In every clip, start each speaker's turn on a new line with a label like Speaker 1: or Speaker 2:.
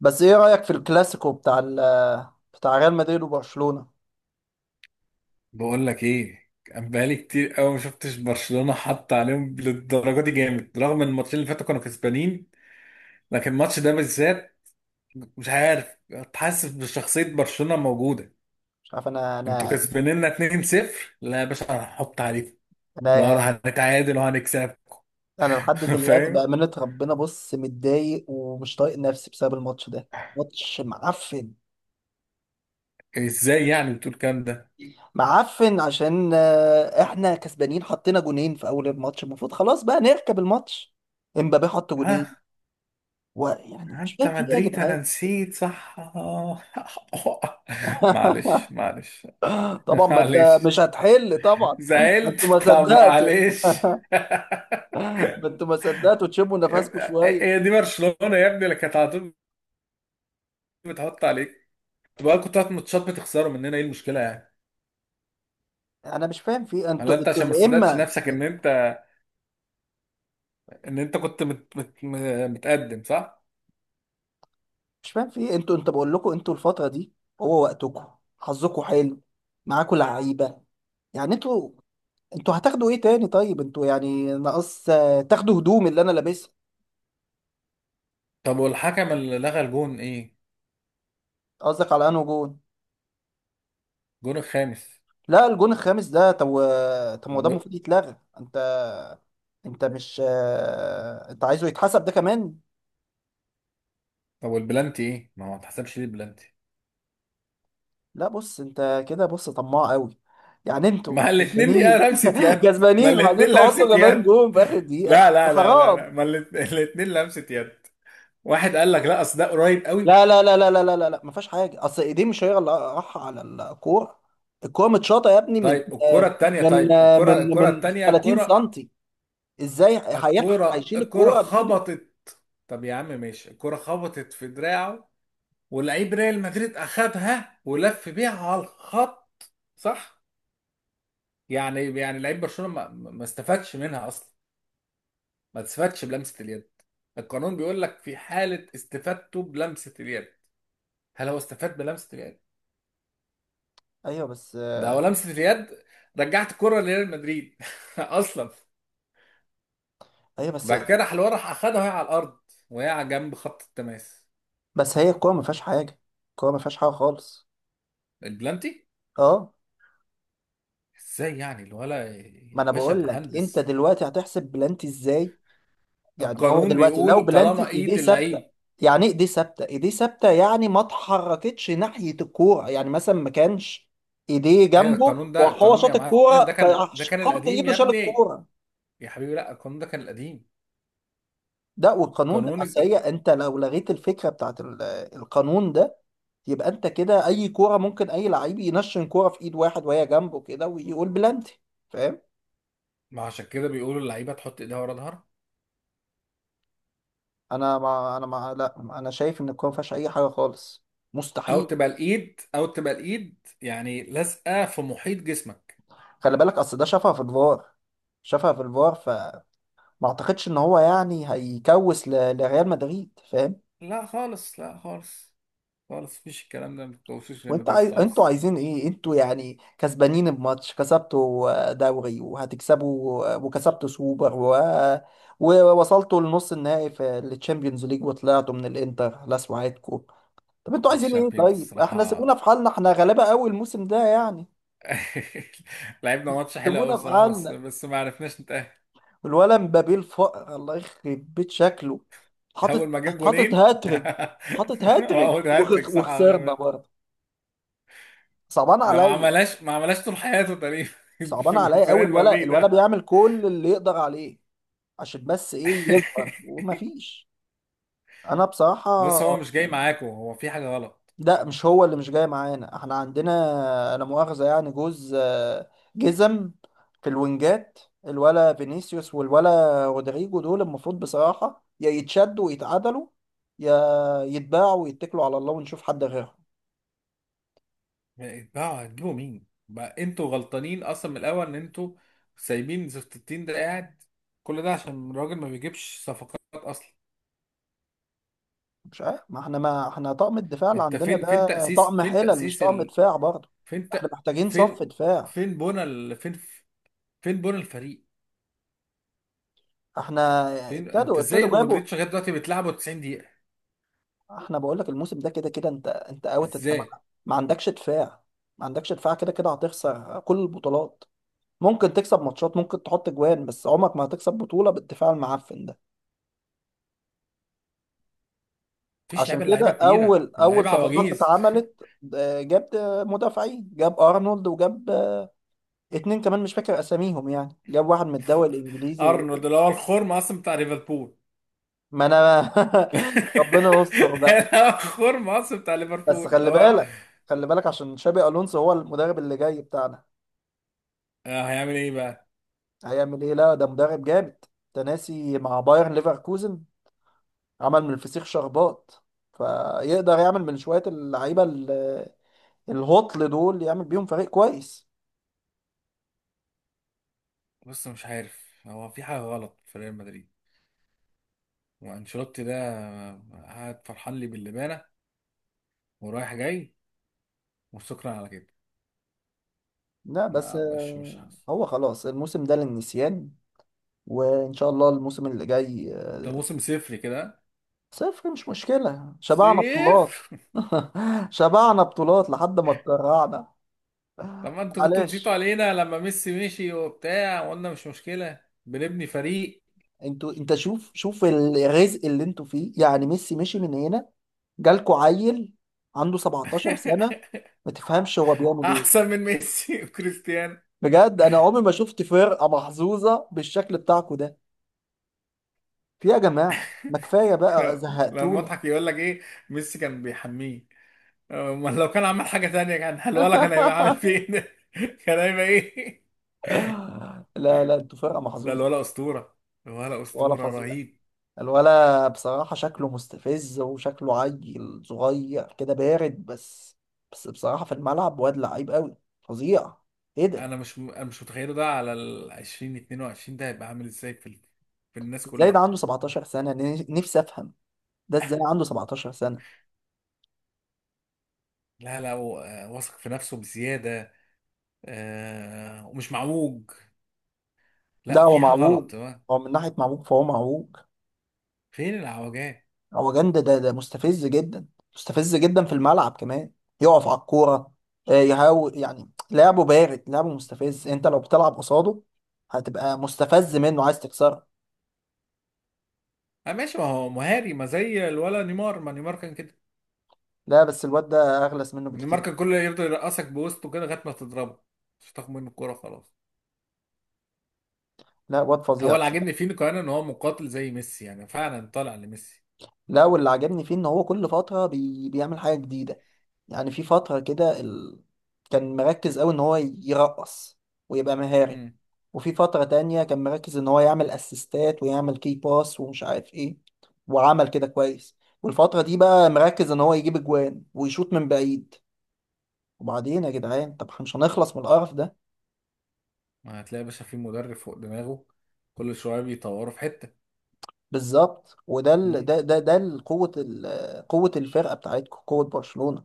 Speaker 1: بس ايه رأيك في الكلاسيكو بتاع ريال مدريد وبرشلونة؟
Speaker 2: بقول لك ايه، كان بقالي كتير قوي ما شفتش برشلونه حط عليهم للدرجه دي. جامد، رغم ان الماتشين اللي فاتوا كانوا كسبانين. لكن الماتش ده بالذات، مش عارف، حاسس بشخصيه برشلونه موجوده.
Speaker 1: مش عارف.
Speaker 2: انتوا كسبانين 2-0. لا يا باشا، هنحط عليكم
Speaker 1: انا
Speaker 2: بقى،
Speaker 1: يعني،
Speaker 2: هنتعادل وهنكسبكم.
Speaker 1: انا لحد دلوقتي
Speaker 2: فاهم؟
Speaker 1: بأمانة ربنا بص متضايق ومش طايق نفسي بسبب الماتش ده. ماتش معفن.
Speaker 2: ازاي يعني بتقول الكلام ده؟
Speaker 1: معفن عشان احنا كسبانين، حطينا جونين في اول الماتش، المفروض خلاص بقى نركب الماتش. امبابي حط
Speaker 2: اه،
Speaker 1: جونين. ويعني مش
Speaker 2: انت
Speaker 1: فاهم في ايه يا
Speaker 2: مدريد، انا
Speaker 1: جدعان؟
Speaker 2: نسيت، صح آه. معلش معلش.
Speaker 1: طبعا ما انت
Speaker 2: معلش.
Speaker 1: مش هتحل، طبعا ما
Speaker 2: زعلت.
Speaker 1: انتوا ما
Speaker 2: طب
Speaker 1: صدقتوا.
Speaker 2: معلش.
Speaker 1: ما انتوا ما صدقتوا تشموا
Speaker 2: يا
Speaker 1: نفسكم
Speaker 2: ابني- هي
Speaker 1: شوية.
Speaker 2: دي برشلونة يا ابني، اللي كانت على طول بتحط عليك. بقى كنت هات ماتشات بتخسروا مننا، ايه المشكلة يعني؟
Speaker 1: انا مش فاهم في إيه.
Speaker 2: ولا
Speaker 1: انتوا
Speaker 2: انت
Speaker 1: انتوا
Speaker 2: عشان ما
Speaker 1: يا
Speaker 2: صدقتش
Speaker 1: اما
Speaker 2: نفسك ان انت كنت متقدم صح؟
Speaker 1: مش فاهم في إيه. انتوا، انت بقول لكم، انتوا الفتره دي هو وقتكم، حظكم حلو، معاكم لعيبه، يعني انتوا، انتوا هتاخدوا ايه تاني؟ طيب انتوا يعني ناقص تاخدوا هدوم اللي انا لابسها.
Speaker 2: طب والحكم اللي لغى الجون، ايه؟
Speaker 1: قصدك على انه جون؟
Speaker 2: الجون الخامس.
Speaker 1: لا الجون الخامس ده طب طب ما هو ده
Speaker 2: و...
Speaker 1: المفروض يتلغى. انت انت مش انت عايزه يتحسب ده كمان؟
Speaker 2: طب والبلانتي، ايه؟ ما هو ما اتحسبش ليه البلانتي؟
Speaker 1: لا بص، انت كده بص طماع قوي. يعني انتوا
Speaker 2: ما الاتنين
Speaker 1: كسبانين،
Speaker 2: يا لمسة يد، ما
Speaker 1: كسبانين،
Speaker 2: الاتنين
Speaker 1: وبعدين
Speaker 2: لمسة
Speaker 1: تحطوا كمان
Speaker 2: يد.
Speaker 1: جون في اخر دقيقه،
Speaker 2: لا لا لا لا
Speaker 1: حرام.
Speaker 2: لا، ما الاتنين لمسة يد. واحد قال لك لا، اصل ده قريب قوي.
Speaker 1: لا، ما فيهاش حاجه، اصل ايديه مش هي اللي راح على الكوره. الكوره متشاطه يا ابني من
Speaker 2: الكرة الكرة
Speaker 1: من
Speaker 2: التانية
Speaker 1: 30
Speaker 2: الكرة
Speaker 1: سنتي. ازاي هيلحق
Speaker 2: الكرة
Speaker 1: هيشيل
Speaker 2: الكرة
Speaker 1: الكوره بايده؟
Speaker 2: خبطت. طب يا عم ماشي، الكرة خبطت في دراعه، ولعيب ريال مدريد أخدها ولف بيها على الخط، صح؟ يعني لعيب برشلونة ما استفادش منها أصلا. ما استفادش بلمسة اليد. القانون بيقول لك في حالة استفادته بلمسة اليد، هل هو استفاد بلمسة اليد؟
Speaker 1: ايوه بس
Speaker 2: ده هو لمسة اليد. رجعت الكرة لريال مدريد أصلا.
Speaker 1: ايوه بس،
Speaker 2: بعد كده راح الورا، راح اخدها وهي على الارض، وهي على جنب خط التماس.
Speaker 1: بس هي الكوره ما فيهاش حاجه. الكوره ما فيهاش حاجه خالص.
Speaker 2: البلانتي،
Speaker 1: اه،
Speaker 2: ازاي يعني الولا
Speaker 1: ما
Speaker 2: يا
Speaker 1: انا
Speaker 2: باشا
Speaker 1: بقول لك انت
Speaker 2: مهندس؟
Speaker 1: دلوقتي هتحسب بلانتي ازاي؟ يعني هو
Speaker 2: القانون
Speaker 1: دلوقتي لو
Speaker 2: بيقول طالما
Speaker 1: بلانتي ايديه
Speaker 2: ايد
Speaker 1: ثابته.
Speaker 2: اللعيب،
Speaker 1: يعني ايه ايديه ثابته؟ ايديه ثابته يعني ما اتحركتش ناحيه الكوره، يعني مثلا ما كانش ايديه
Speaker 2: هي
Speaker 1: جنبه
Speaker 2: القانون ده،
Speaker 1: وهو
Speaker 2: القانون يا
Speaker 1: شاط
Speaker 2: معلم، ده
Speaker 1: الكوره
Speaker 2: كان ده كان
Speaker 1: فحط
Speaker 2: القديم
Speaker 1: ايده
Speaker 2: يا
Speaker 1: شال
Speaker 2: ابني.
Speaker 1: الكوره.
Speaker 2: يا حبيبي لا، القانون ده كان القديم.
Speaker 1: ده والقانون ده،
Speaker 2: قانون الج...
Speaker 1: اصل هي انت لو لغيت الفكره بتاعت القانون ده، يبقى انت كده اي كوره ممكن اي لعيب ينشن كوره في ايد واحد وهي جنبه كده ويقول بلانتي. فاهم؟
Speaker 2: ما عشان كده بيقولوا اللعيبه تحط ايدها ورا ظهرها،
Speaker 1: انا ما انا ما لا انا شايف ان الكوره ما فيهاش اي حاجه خالص،
Speaker 2: او
Speaker 1: مستحيل.
Speaker 2: تبقى الايد، او تبقى الايد يعني لازقه في محيط جسمك.
Speaker 1: خلي بالك، اصل ده شافها في الفار. شافها في الفار فما اعتقدش ان هو يعني لريال مدريد، فاهم؟
Speaker 2: لا خالص، لا خالص، خالص مفيش الكلام ده، ما تكوشوش ريال
Speaker 1: وانت
Speaker 2: مدريد
Speaker 1: عايز، انتوا
Speaker 2: خالص.
Speaker 1: عايزين ايه؟ انتوا يعني كسبانين بماتش، كسبتوا دوري وهتكسبوا، وكسبتوا سوبر و... ووصلتوا لنص النهائي في التشامبيونز ليج، وطلعتوا من الانتر، لا سوعتكم. طب انتوا
Speaker 2: على
Speaker 1: عايزين ايه؟
Speaker 2: الشامبيونز
Speaker 1: طيب احنا سيبونا
Speaker 2: الصراحه.
Speaker 1: في حالنا، احنا غلابة قوي الموسم ده يعني.
Speaker 2: لعبنا ماتش حلو قوي
Speaker 1: سيبونا في
Speaker 2: الصراحه، بس
Speaker 1: حالنا.
Speaker 2: بس ما عرفناش نتأهل.
Speaker 1: الولد مبابي الله يخرب بيت شكله، حاطط،
Speaker 2: اول ما جاب
Speaker 1: حاطط
Speaker 2: جونين.
Speaker 1: هاتريك. حاطط هاتريك
Speaker 2: اول هاتريك صح، على جاب
Speaker 1: وخسرنا
Speaker 2: هاتريك.
Speaker 1: برضه. صعبان
Speaker 2: ده ما
Speaker 1: عليا.
Speaker 2: عملهاش، ما عملهاش طول حياته تقريبا.
Speaker 1: صعبان
Speaker 2: في
Speaker 1: عليا قوي.
Speaker 2: فريق
Speaker 1: الولد،
Speaker 2: مدريد
Speaker 1: الولد
Speaker 2: ده.
Speaker 1: بيعمل كل اللي يقدر عليه عشان بس ايه، يظهر ومفيش. انا بصراحة،
Speaker 2: بص، هو مش جاي معاكم، هو في حاجه غلط.
Speaker 1: لا مش هو اللي مش جاي معانا، احنا عندنا، لا مؤاخذة، يعني جوز جزم في الوينجات. الولا فينيسيوس والولا رودريجو دول المفروض بصراحة يا يتشدوا ويتعدلوا، يا يتباعوا ويتكلوا على الله ونشوف حد غيرهم.
Speaker 2: بقى هتجيبوا مين؟ بقى انتوا غلطانين اصلا من الاول ان انتوا سايبين زفت التين ده قاعد. كل ده عشان الراجل ما بيجيبش صفقات اصلا.
Speaker 1: مش عارف، ما احنا، ما احنا طقم الدفاع اللي
Speaker 2: انت
Speaker 1: عندنا
Speaker 2: فين؟
Speaker 1: ده
Speaker 2: فين تأسيس؟
Speaker 1: طقم
Speaker 2: فين
Speaker 1: حلل مش
Speaker 2: تأسيس؟
Speaker 1: طقم دفاع برضه.
Speaker 2: فين
Speaker 1: احنا محتاجين صف
Speaker 2: فين
Speaker 1: دفاع.
Speaker 2: فين بونا فين بونا الفريق؟
Speaker 1: احنا
Speaker 2: فين انت؟
Speaker 1: ابتدوا
Speaker 2: ازاي
Speaker 1: ابتدوا جابوا.
Speaker 2: المودريتش لغايه دلوقتي بتلعبه 90 دقيقه؟
Speaker 1: احنا بقول لك الموسم ده كده كده، انت اوت. انت ما،
Speaker 2: ازاي؟
Speaker 1: ما عندكش دفاع. ما عندكش دفاع كده كده هتخسر كل البطولات. ممكن تكسب ماتشات، ممكن تحط جوان، بس عمرك ما هتكسب بطولة بالدفاع المعفن ده.
Speaker 2: مفيش
Speaker 1: عشان
Speaker 2: لعيبه،
Speaker 1: كده
Speaker 2: اللعيبه كبيره،
Speaker 1: اول، اول
Speaker 2: اللعيبه
Speaker 1: صفقات
Speaker 2: عواجيز.
Speaker 1: اتعملت جاب مدافعين، جاب ارنولد وجاب اتنين كمان مش فاكر اساميهم، يعني جاب واحد من الدوري الانجليزي و...
Speaker 2: ارنولد اللي هو الخرم اصلا بتاع ليفربول.
Speaker 1: ما انا، ربنا يستر بقى.
Speaker 2: اللي هو الخرم اصلا بتاع
Speaker 1: بس
Speaker 2: ليفربول، اللي
Speaker 1: خلي
Speaker 2: هو
Speaker 1: بالك، خلي بالك عشان شابي الونسو هو المدرب اللي جاي بتاعنا.
Speaker 2: هيعمل ايه بقى؟
Speaker 1: هيعمل ايه؟ لا ده مدرب جامد. تناسي مع بايرن ليفركوزن. عمل من الفسيخ شربات. فيقدر يعمل من شوية اللعيبة الهطل دول يعمل بيهم فريق كويس.
Speaker 2: بص، مش عارف، هو في حاجه غلط في ريال مدريد. وانشيلوتي ده قاعد فرحان لي باللبانه ورايح جاي، وشكرا على كده.
Speaker 1: لا بس
Speaker 2: ما مش حاسس.
Speaker 1: هو خلاص الموسم ده للنسيان، وإن شاء الله الموسم اللي جاي
Speaker 2: ده موسم صفري كده.
Speaker 1: صفر مش مشكلة، شبعنا
Speaker 2: صيف.
Speaker 1: بطولات. شبعنا بطولات لحد ما اتكرعنا.
Speaker 2: طب ما انتوا كنتوا
Speaker 1: معلش.
Speaker 2: تزيتوا علينا لما ميسي مشي وبتاع، وقلنا مش مشكلة، بنبني فريق.
Speaker 1: انتوا، انت شوف، شوف الرزق اللي انتوا فيه. يعني ميسي مشي من هنا، جالكوا عيل عنده 17 سنة ما تفهمش هو بيعمل ايه.
Speaker 2: احسن من ميسي وكريستيانو.
Speaker 1: بجد انا عمري ما شفت فرقة محظوظة بالشكل بتاعكم ده في، يا جماعة ما كفاية بقى،
Speaker 2: احنا، لما
Speaker 1: زهقتونا.
Speaker 2: اضحك يقول لك ايه؟ ميسي كان بيحميه، امال لو كان عمل حاجة تانية كان الولا كان هيبقى عامل فين؟ كان هيبقى ايه؟
Speaker 1: لا لا، انتوا فرقة
Speaker 2: لا،
Speaker 1: محظوظة.
Speaker 2: الولا اسطورة، الولا
Speaker 1: ولا
Speaker 2: اسطورة
Speaker 1: فظيع.
Speaker 2: رهيب.
Speaker 1: الولا بصراحة شكله مستفز وشكله عيل صغير كده بارد، بس بس بصراحة في الملعب واد لعيب قوي، فظيع. ايه ده؟
Speaker 2: انا مش متخيله ده على ال 20 22 ده هيبقى عامل ازاي في في الناس
Speaker 1: ازاي ده
Speaker 2: كلها.
Speaker 1: عنده 17 سنة؟ نفسي افهم ده ازاي عنده 17 سنة.
Speaker 2: لا لا، هو واثق في نفسه بزيادة، ومش معوج.
Speaker 1: ده
Speaker 2: لا،
Speaker 1: هو
Speaker 2: في حاجه
Speaker 1: معوج.
Speaker 2: غلط تمام.
Speaker 1: هو من ناحية معوج فهو معوج.
Speaker 2: فين العوجات؟
Speaker 1: هو جند ده، ده مستفز جدا، مستفز جدا في الملعب كمان. يقف على الكورة، يهاول، يعني لعبه بارد، لعبه مستفز. انت لو بتلعب قصاده هتبقى مستفز منه، عايز تكسره.
Speaker 2: آه ماشي، ما هو مهاري ما زي الولا نيمار. ما نيمار كان كده.
Speaker 1: لا بس الواد ده اغلس منه
Speaker 2: نيمار
Speaker 1: بكتير.
Speaker 2: كان كله يفضل يرقصك بوسطه كده لغايه ما تضربه، مش تاخد منه الكوره خلاص.
Speaker 1: لا واد فظيع
Speaker 2: هو اللي
Speaker 1: بصراحة.
Speaker 2: عاجبني فيه كمان ان هو مقاتل زي ميسي، يعني فعلا طالع لميسي.
Speaker 1: لا واللي عجبني فيه ان هو كل فترة بيعمل حاجة جديدة. يعني في فترة كده كان مركز أوي إن هو يرقص ويبقى مهاري.
Speaker 2: مم.
Speaker 1: وفي فترة تانية كان مركز إن هو يعمل أسيستات ويعمل كي باس ومش عارف إيه، وعمل كده كويس. والفترة دي بقى مركز إن هو يجيب أجوان ويشوط من بعيد. وبعدين يا جدعان طب إحنا مش هنخلص من القرف ده؟
Speaker 2: ما هتلاقي يا باشا في مدرب فوق دماغه، كل شويه بيطوروا في حته.
Speaker 1: بالظبط. وده ال...
Speaker 2: مم.
Speaker 1: ده ده ده ال- قوة قوة الفرقة بتاعتكم، قوة برشلونة،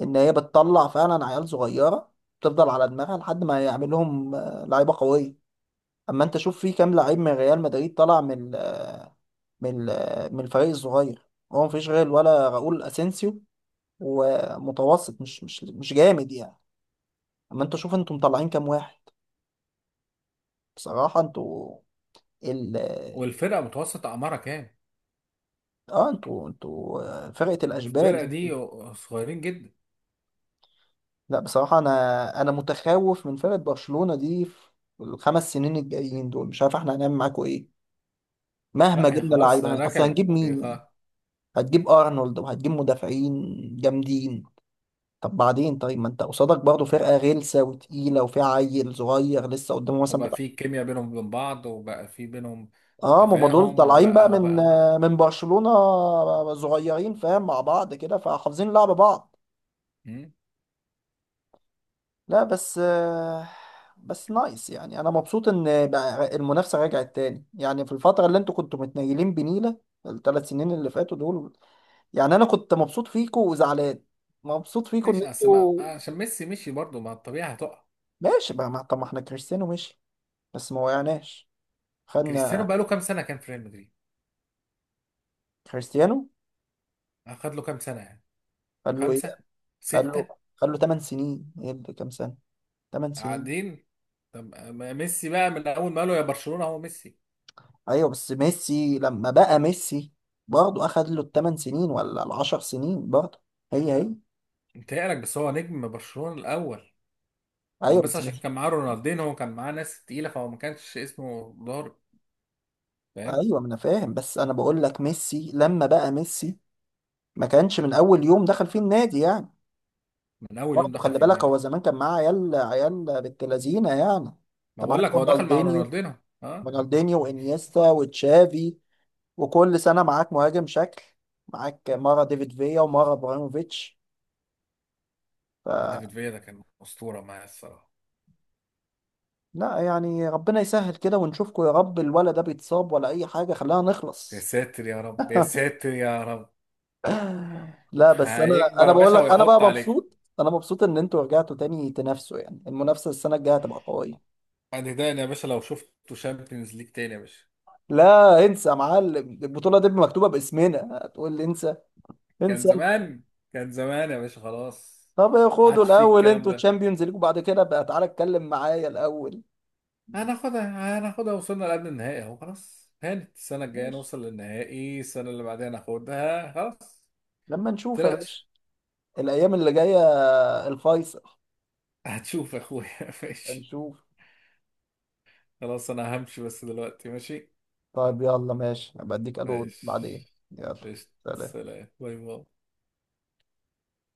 Speaker 1: إن هي بتطلع فعلا عيال صغيرة، تفضل على دماغها لحد ما يعمل لهم لعيبة قوية. اما انت شوف في كام لعيب من ريال مدريد طلع من من الفريق الصغير؟ هو مفيش غير ولا راؤول اسينسيو، ومتوسط، مش جامد يعني. اما انت شوف انتوا مطلعين كام واحد، بصراحة انتوا ال،
Speaker 2: والفرقه متوسط اعمارها كام؟
Speaker 1: اه انتوا، انتوا فرقة الاشبال
Speaker 2: الفرقه
Speaker 1: انتوا.
Speaker 2: دي صغيرين جدا.
Speaker 1: لا بصراحة انا، انا متخوف من فرقة برشلونة دي في الخمس سنين الجايين دول. مش عارف احنا هنعمل معاكوا ايه، مهما
Speaker 2: لا، هي
Speaker 1: جبنا
Speaker 2: خلاص
Speaker 1: لعيبة، اصل
Speaker 2: ركبت،
Speaker 1: هنجيب
Speaker 2: هي
Speaker 1: مين يعني؟
Speaker 2: خلاص.
Speaker 1: هتجيب ارنولد وهتجيب مدافعين جامدين. طب بعدين؟ طيب ما انت قصادك برضه فرقه غلسه وتقيله وفيها عيل صغير لسه قدامه مثلا
Speaker 2: وبقى
Speaker 1: بتاع.
Speaker 2: في كيمياء بينهم وبين بعض، وبقى في بينهم
Speaker 1: اه ما هم دول
Speaker 2: تفاهم،
Speaker 1: طالعين بقى
Speaker 2: وبقى،
Speaker 1: من،
Speaker 2: وبقى.
Speaker 1: من برشلونه، صغيرين فاهم مع بعض كده فحافظين لعب بعض.
Speaker 2: مم؟
Speaker 1: لا بس بس نايس، يعني انا مبسوط ان بقى المنافسه رجعت تاني، يعني في الفتره اللي انتوا كنتوا متنيلين بنيله، الثلاث سنين اللي فاتوا دول، يعني انا كنت مبسوط فيكوا وزعلان، مبسوط فيكوا ان
Speaker 2: ماشي، اصل
Speaker 1: انتوا.
Speaker 2: عشان ميسي مشي برضه، ما الطبيعة هتقع.
Speaker 1: ماشي بقى، ما طب ما احنا كريستيانو ماشي بس ما وقعناش،
Speaker 2: كريستيانو
Speaker 1: خدنا.
Speaker 2: بقى له كام سنة كان في ريال مدريد؟
Speaker 1: كريستيانو
Speaker 2: اخد له كام سنة يعني؟
Speaker 1: خد له ايه؟
Speaker 2: خمسة،
Speaker 1: خد له،
Speaker 2: ستة.
Speaker 1: خد له 8 سنين، ايه اللي كام سنه؟ 8 سنين.
Speaker 2: قاعدين. طب ما ميسي بقى من اول ما قالوا يا برشلونة هو ميسي.
Speaker 1: ايوه بس ميسي لما بقى ميسي، برضه اخد له الثمان سنين ولا العشر سنين، برضه هي هي.
Speaker 2: انت يقلق، بس هو نجم برشلونة الاول. هو
Speaker 1: ايوه
Speaker 2: بس
Speaker 1: بس
Speaker 2: عشان
Speaker 1: مش،
Speaker 2: كان معاه رونالدين، هو كان معاه ناس تقيلة، فهو ما كانش اسمه ضارب. فاهم.
Speaker 1: ايوه ما انا فاهم، بس انا بقول لك ميسي لما بقى ميسي ما كانش من اول يوم دخل فيه النادي يعني.
Speaker 2: من اول
Speaker 1: برضه
Speaker 2: يوم دخل
Speaker 1: خلي
Speaker 2: في
Speaker 1: بالك، هو
Speaker 2: النادي.
Speaker 1: زمان كان معاه عيال، عيال بنت لذينه يعني. انت
Speaker 2: ما بقول لك
Speaker 1: معاك
Speaker 2: هو دخل مع
Speaker 1: رونالدينيو،
Speaker 2: رونالدينو. ها.
Speaker 1: رونالدينيو وانيستا وتشافي، وكل سنة معاك مهاجم شكل، معاك مرة ديفيد فيا ومرة ابراهيموفيتش. ف
Speaker 2: ديفيد فيا ده كان أسطورة معايا الصراحة.
Speaker 1: لا يعني ربنا يسهل كده ونشوفكوا يا رب، الولا ده بيتصاب ولا اي حاجة، خلينا
Speaker 2: يا
Speaker 1: نخلص.
Speaker 2: ساتر يا رب، يا ساتر يا رب.
Speaker 1: لا بس انا،
Speaker 2: هيكبر
Speaker 1: انا
Speaker 2: يا
Speaker 1: بقول
Speaker 2: باشا
Speaker 1: لك، انا بقى
Speaker 2: ويحط عليك.
Speaker 1: مبسوط، انا مبسوط ان انتوا رجعتوا تاني تنافسوا، يعني المنافسة السنة الجاية هتبقى قوية.
Speaker 2: هتداني يا باشا لو شفته شامبيونز ليج تاني يا باشا.
Speaker 1: لا انسى يا معلم، البطولة دي مكتوبة باسمنا، هتقول لي انسى؟
Speaker 2: كان
Speaker 1: انسى انت.
Speaker 2: زمان، كان زمان يا باشا خلاص.
Speaker 1: طب
Speaker 2: ما
Speaker 1: خدوا
Speaker 2: عادش فيه
Speaker 1: الاول
Speaker 2: الكلام
Speaker 1: انتوا
Speaker 2: ده.
Speaker 1: تشامبيونز ليج وبعد كده بقى تعالى اتكلم معايا الاول.
Speaker 2: هناخدها، هناخدها، وصلنا لقبل النهائي اهو، خلاص هانت. السنة الجاية
Speaker 1: ماشي،
Speaker 2: نوصل للنهائي، السنة اللي بعدها ناخدها، خلاص.
Speaker 1: لما نشوف يا باشا
Speaker 2: متقلقش.
Speaker 1: الايام اللي جايه، الفيصل.
Speaker 2: هتشوف يا اخويا. ماشي.
Speaker 1: هنشوف.
Speaker 2: خلاص انا همشي بس دلوقتي، ماشي.
Speaker 1: طيب يلا ماشي، هبقى اديك الو بعدين.
Speaker 2: ماشي.
Speaker 1: يلا،
Speaker 2: قشطة.
Speaker 1: سلام.
Speaker 2: سلام، باي باي.